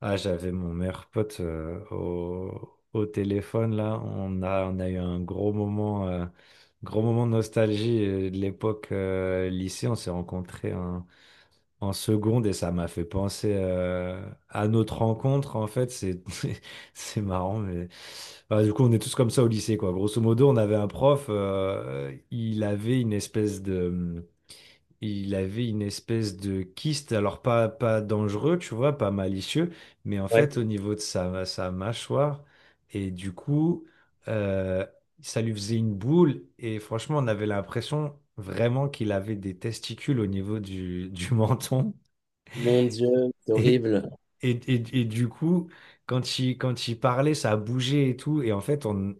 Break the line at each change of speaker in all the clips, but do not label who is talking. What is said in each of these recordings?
Ah, j'avais mon meilleur pote au téléphone là. On a eu un gros moment de nostalgie de l'époque lycée. On s'est rencontrés en seconde et ça m'a fait penser à notre rencontre. En fait, c'est c'est marrant, mais enfin, du coup, on est tous comme ça au lycée, quoi. Grosso modo, on avait un prof. Il avait une espèce de kyste, alors pas dangereux, tu vois, pas malicieux, mais en fait au
Ouais.
niveau de sa mâchoire. Et du coup, euh, ça lui faisait une boule. Et franchement, on avait l'impression vraiment qu'il avait des testicules au niveau du menton.
Mon Dieu, c'est
Et,
horrible.
et du coup, quand il parlait, ça bougeait et tout. Et en fait, on,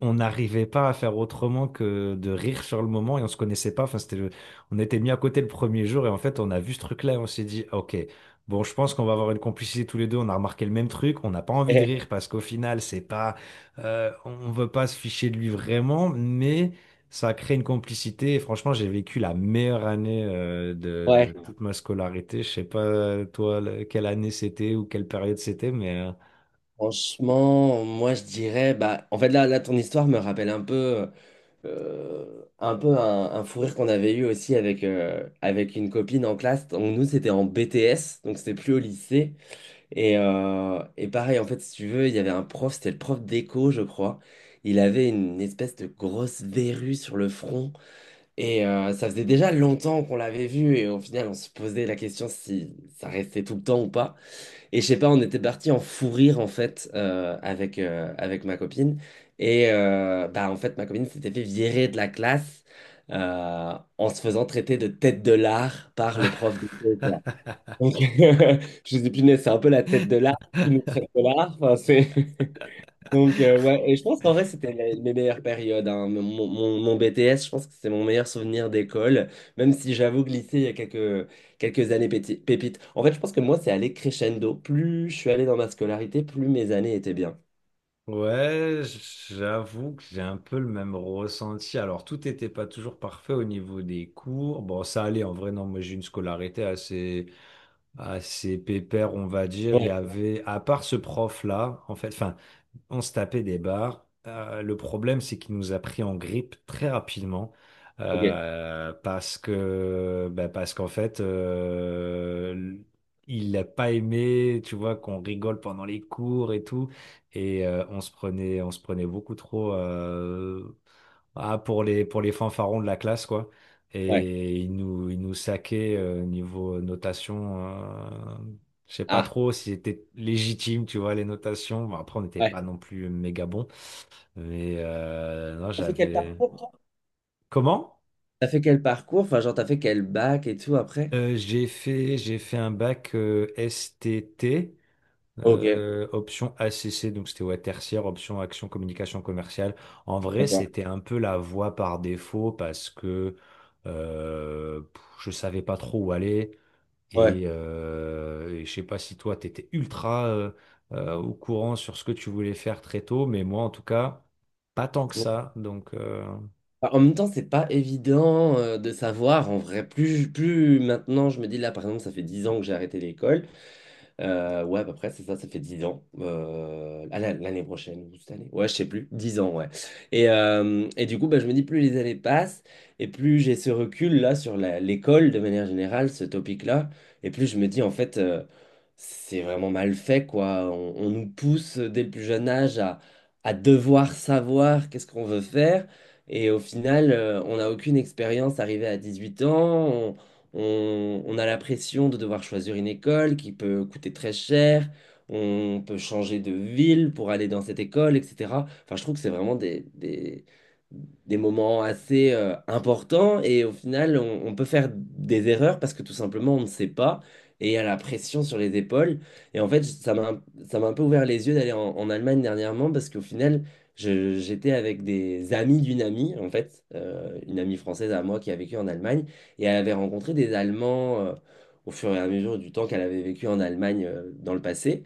on n'arrivait pas à faire autrement que de rire sur le moment et on se connaissait pas. Enfin, on était mis à côté le premier jour et en fait, on a vu ce truc-là et on s'est dit, ah, ok, bon, je pense qu'on va avoir une complicité tous les deux. On a remarqué le même truc. On n'a pas envie de
Eh,
rire parce qu'au final, c'est pas, on veut pas se ficher de lui vraiment, mais ça a créé une complicité. Et franchement, j'ai vécu la meilleure année, de
ouais.
toute ma scolarité. Je sais pas, toi, quelle année c'était ou quelle période c'était, mais,
Franchement, moi je dirais, bah, en fait là ton histoire me rappelle un peu, un peu un fou rire qu'on avait eu aussi avec une copine en classe. Donc, nous c'était en BTS, donc c'était plus au lycée. Et pareil, en fait, si tu veux, il y avait un prof, c'était le prof d'éco, je crois. Il avait une espèce de grosse verrue sur le front. Ça faisait déjà longtemps qu'on l'avait vu et au final on se posait la question si ça restait tout le temps ou pas. Et je sais pas, on était parti en fou rire en fait avec ma copine. Bah en fait ma copine s'était fait virer de la classe en se faisant traiter de tête de l'art par le prof de quoi. Donc je me suis dit mais c'est un peu la tête de l'art qui nous traite de l'art. Enfin, c'est donc, ouais, et je pense qu'en vrai, c'était mes meilleures périodes, hein. Mon BTS, je pense que c'est mon meilleur souvenir d'école, même si j'avoue que lycée, il y a quelques années pépites. En fait, je pense que moi, c'est allé crescendo. Plus je suis allé dans ma scolarité, plus mes années étaient bien.
ouais, j'avoue que j'ai un peu le même ressenti. Alors, tout n'était pas toujours parfait au niveau des cours. Bon, ça allait en vrai, non, moi j'ai une scolarité assez pépère, on va dire. Il y
Ouais,
avait, à part ce prof-là, en fait, enfin, on se tapait des barres. Le problème, c'est qu'il nous a pris en grippe très rapidement
ok,
bah, parce qu'en fait, il n'a pas aimé, tu vois, qu'on rigole pendant les cours et tout, et on se prenait beaucoup trop. Pour les fanfarons de la classe, quoi.
ouais.
Et ils nous saquaient niveau notation. Je sais pas
Ah,
trop si c'était légitime, tu vois, les notations. Bon, après, on n'était
ouais.
pas non plus méga bon. Mais non,
T'as fait quel
j'avais.
parcours, toi?
Comment?
T'as fait quel parcours? Enfin, genre, t'as fait quel bac et tout après?
J'ai fait un bac S T T.
Ok,
Option ACC, donc c'était ouais, tertiaire, option action communication commerciale. En vrai,
d'accord.
c'était un peu la voie par défaut parce que je savais pas trop où aller.
Ouais.
Et je sais pas si toi, tu étais ultra au courant sur ce que tu voulais faire très tôt, mais moi, en tout cas, pas tant que ça. Donc,
Enfin, en même temps, c'est pas évident de savoir en vrai. Plus maintenant, je me dis là, par exemple, ça fait 10 ans que j'ai arrêté l'école. Ouais, à peu près, c'est ça, ça fait 10 ans. L'année prochaine ou cette année. Ouais, je sais plus. 10 ans, ouais. Et du coup, bah, je me dis, plus les années passent, et plus j'ai ce recul-là sur l'école, de manière générale, ce topic-là, et plus je me dis, en fait, c'est vraiment mal fait, quoi. On nous pousse dès le plus jeune âge à devoir savoir qu'est-ce qu'on veut faire, et au final, on n'a aucune expérience arrivée à 18 ans. On a la pression de devoir choisir une école qui peut coûter très cher. On peut changer de ville pour aller dans cette école, etc. Enfin, je trouve que c'est vraiment des moments assez importants et au final, on peut faire des erreurs parce que tout simplement, on ne sait pas et il y a la pression sur les épaules. Et en fait, ça m'a un peu ouvert les yeux d'aller en Allemagne dernièrement parce qu'au final, j'étais avec des amis d'une amie, en fait, une amie française à moi qui a vécu en Allemagne. Et elle avait rencontré des Allemands au fur et à mesure du temps qu'elle avait vécu en Allemagne dans le passé.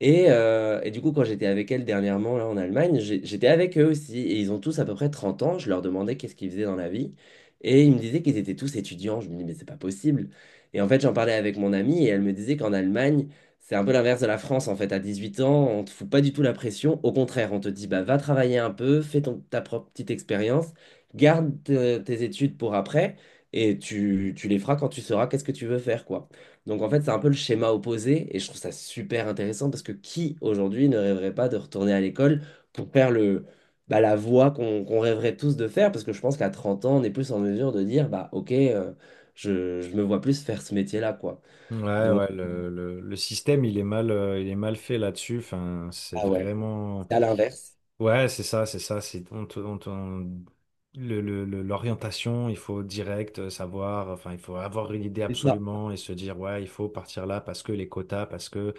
Et du coup, quand j'étais avec elle dernièrement là, en Allemagne, j'étais avec eux aussi. Et ils ont tous à peu près 30 ans. Je leur demandais qu'est-ce qu'ils faisaient dans la vie. Et ils me disaient qu'ils étaient tous étudiants. Je me dis, mais c'est pas possible. Et en fait, j'en parlais avec mon amie et elle me disait qu'en Allemagne, c'est un peu l'inverse de la France. En fait, à 18 ans, on te fout pas du tout la pression. Au contraire, on te dit, bah, va travailler un peu, ta propre petite expérience, garde tes études pour après. Et tu les feras quand tu sauras qu'est-ce que tu veux faire, quoi. Donc en fait, c'est un peu le schéma opposé, et je trouve ça super intéressant parce que qui aujourd'hui ne rêverait pas de retourner à l'école pour faire le, bah, la voie qu'on rêverait tous de faire? Parce que je pense qu'à 30 ans, on est plus en mesure de dire, bah ok, je me vois plus faire ce métier-là, quoi.
ouais,
Donc,
ouais, le système, il est mal fait là-dessus. Enfin, c'est
ah ouais,
vraiment.
c'est à l'inverse.
Ouais, c'est ça, c'est ça. C'est on te- on te- on- L'orientation, il faut direct savoir. Enfin, il faut avoir une idée
C'est ça.
absolument et se dire ouais, il faut partir là parce que les quotas, parce que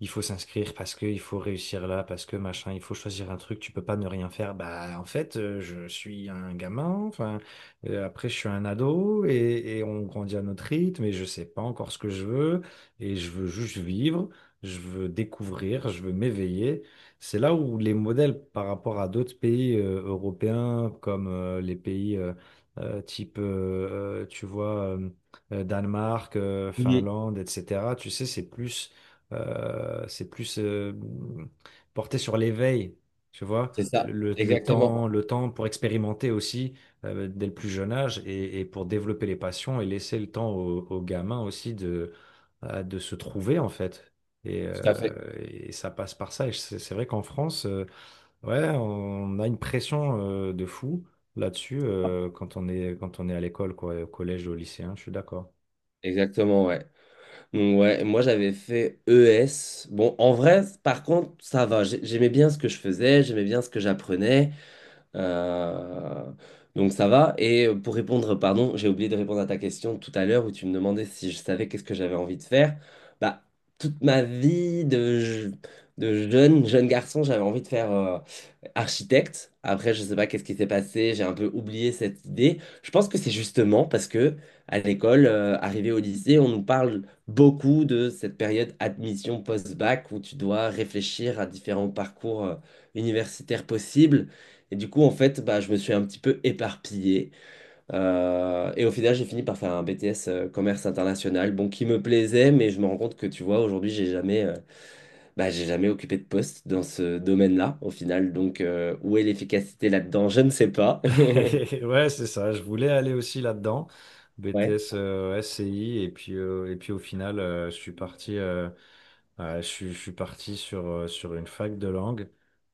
il faut s'inscrire parce que il faut réussir là, parce que machin, il faut choisir un truc, tu peux pas ne rien faire. Bah, en fait, je suis un gamin, enfin, après, je suis un ado et on grandit à notre rythme et je sais pas encore ce que je veux et je veux juste vivre, je veux découvrir, je veux m'éveiller. C'est là où les modèles par rapport à d'autres pays européens comme les pays type, tu vois, Danemark,
Mhm.
Finlande, etc. Tu sais, c'est plus porté sur l'éveil, tu vois,
C'est ça,
le, le- le temps,
exactement.
le temps pour expérimenter aussi dès le plus jeune âge et pour développer les passions et laisser le temps aux gamins aussi de se trouver en fait. Et, euh,
Tout à fait.
et ça passe par ça. Et c'est vrai qu'en France, ouais, on a une pression de fou là-dessus quand on est à l'école, quoi, au collège, au lycée, hein, je suis d'accord.
Exactement, ouais. Donc, ouais, moi j'avais fait ES. Bon, en vrai, par contre, ça va. J'aimais bien ce que je faisais, j'aimais bien ce que j'apprenais. Euh, donc ça va. Et pour répondre, pardon, j'ai oublié de répondre à ta question tout à l'heure où tu me demandais si je savais qu'est-ce que j'avais envie de faire. Bah, toute ma vie de, de jeune, jeune garçon, j'avais envie de faire architecte. Après, je sais pas qu'est-ce qui s'est passé, j'ai un peu oublié cette idée. Je pense que c'est justement parce que à l'école, arrivé au lycée, on nous parle beaucoup de cette période admission post-bac où tu dois réfléchir à différents parcours universitaires possibles. Et du coup, en fait, bah, je me suis un petit peu éparpillé. Et au final, j'ai fini par faire un BTS commerce international, bon, qui me plaisait, mais je me rends compte que, tu vois, aujourd'hui, j'ai jamais, bah, j'ai jamais occupé de poste dans ce domaine-là, au final. Donc, où est l'efficacité là-dedans? Je ne sais pas.
Ouais, c'est ça. Je voulais aller aussi là-dedans,
Ouais.
BTS SCI, et puis au final, je suis parti. Je suis parti sur une fac de langue.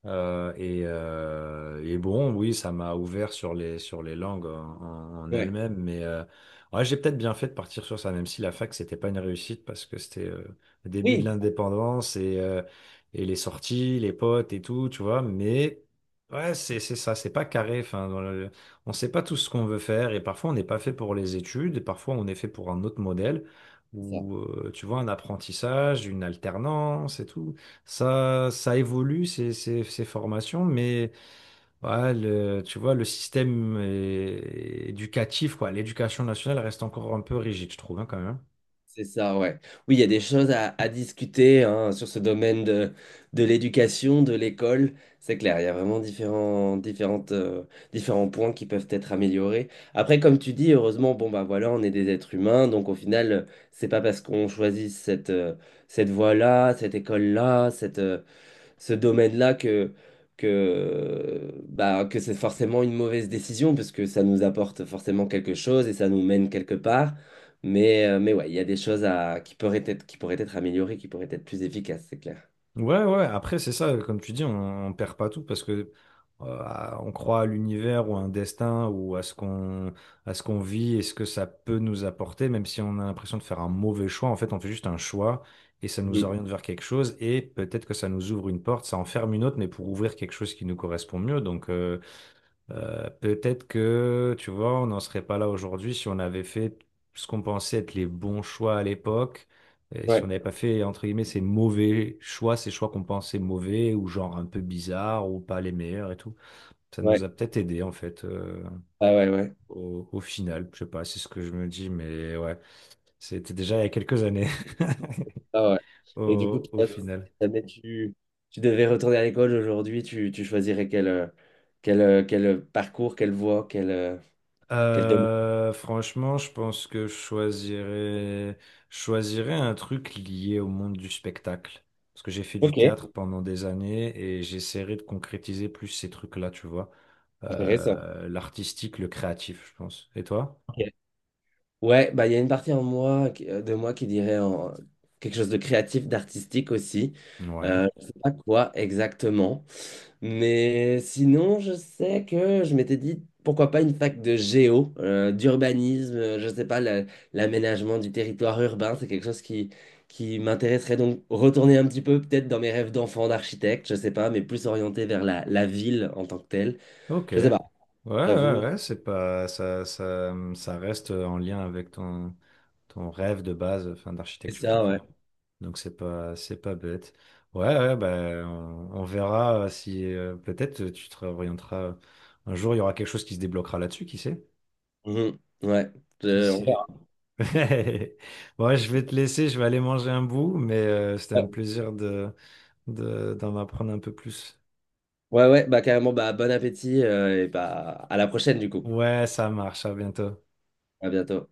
Et bon, oui, ça m'a ouvert sur les langues en
Ouais.
elles-mêmes. Mais ouais, j'ai peut-être bien fait de partir sur ça, même si la fac, c'était pas une réussite parce que c'était le début de
Oui.
l'indépendance et les sorties, les potes et tout, tu vois. Mais ouais, c'est ça, c'est pas carré. Enfin, on sait pas tout ce qu'on veut faire et parfois on n'est pas fait pour les études, et parfois on est fait pour un autre modèle ou tu vois, un apprentissage, une alternance et tout. Ça évolue, ces formations, mais ouais, tu vois, le système éducatif, quoi, l'éducation nationale reste encore un peu rigide, je trouve, hein, quand même.
C'est ça, ouais. Oui, il y a des choses à discuter hein, sur ce domaine de l'éducation, de l'école. C'est clair, il y a vraiment différents points qui peuvent être améliorés. Après, comme tu dis, heureusement, bon, bah voilà, on est des êtres humains. Donc, au final, c'est pas parce qu'on choisit cette voie-là, cette école-là, ce domaine-là que, bah, que c'est forcément une mauvaise décision parce que ça nous apporte forcément quelque chose et ça nous mène quelque part. Mais ouais, il y a des choses qui pourraient être améliorées, qui pourraient être plus efficaces, c'est clair.
Ouais, ouais, après, c'est ça, comme tu dis, on perd pas tout parce que on croit à l'univers ou à un destin ou à ce qu'on vit et ce que ça peut nous apporter, même si on a l'impression de faire un mauvais choix. En fait, on fait juste un choix et ça nous
Mhm.
oriente vers quelque chose et peut-être que ça nous ouvre une porte, ça en ferme une autre, mais pour ouvrir quelque chose qui nous correspond mieux. Donc, peut-être que, tu vois, on n'en serait pas là aujourd'hui si on avait fait ce qu'on pensait être les bons choix à l'époque, et si on
Ouais,
n'avait pas fait, entre guillemets, ces mauvais choix, ces choix qu'on pensait mauvais, ou genre un peu bizarres, ou pas les meilleurs et tout. Ça
ouais,
nous a peut-être aidé, en fait,
ah ouais, ouais,
au final. Je sais pas, c'est ce que je me dis, mais ouais, c'était déjà il y a quelques années,
ah ouais. Et du coup,
au
toi, si
final.
jamais tu devais retourner à l'école aujourd'hui, tu choisirais quel parcours, quelle voie, quel domaine.
Franchement, je pense que je choisirais un truc lié au monde du spectacle. Parce que j'ai fait du
Ok,
théâtre pendant des années et j'essaierai de concrétiser plus ces trucs-là, tu vois.
intéressant.
L'artistique, le créatif, je pense. Et toi?
Ok. Ouais, bah il y a une partie en moi, de moi qui dirait en quelque chose de créatif, d'artistique aussi.
Ouais.
Je sais pas quoi exactement. Mais sinon, je sais que je m'étais dit, pourquoi pas une fac de géo, d'urbanisme, je sais pas, l'aménagement du territoire urbain, c'est quelque chose qui m'intéresserait. Donc retourner un petit peu peut-être dans mes rêves d'enfant, d'architecte, je sais pas, mais plus orienté vers la ville en tant que telle.
Ok.
Je sais
Ouais,
pas, j'avoue,
ouais, ouais, c'est pas ça, ça reste en lien avec ton rêve de base, enfin
c'est
d'architecture au
ça, ouais.
final. Donc c'est pas bête. Ouais, ouais, ben on verra si peut-être tu te réorienteras. Un jour, il y aura quelque chose qui se débloquera là-dessus, qui sait?
Mhm, ouais,
Qui
On verra.
sait? Bon, je vais te laisser, je vais aller manger un bout, mais c'était un plaisir d'en apprendre un peu plus.
Ouais, ouais, bah carrément, bah bon appétit et bah à la prochaine du coup.
Ouais, ça marche, à bientôt.
À bientôt.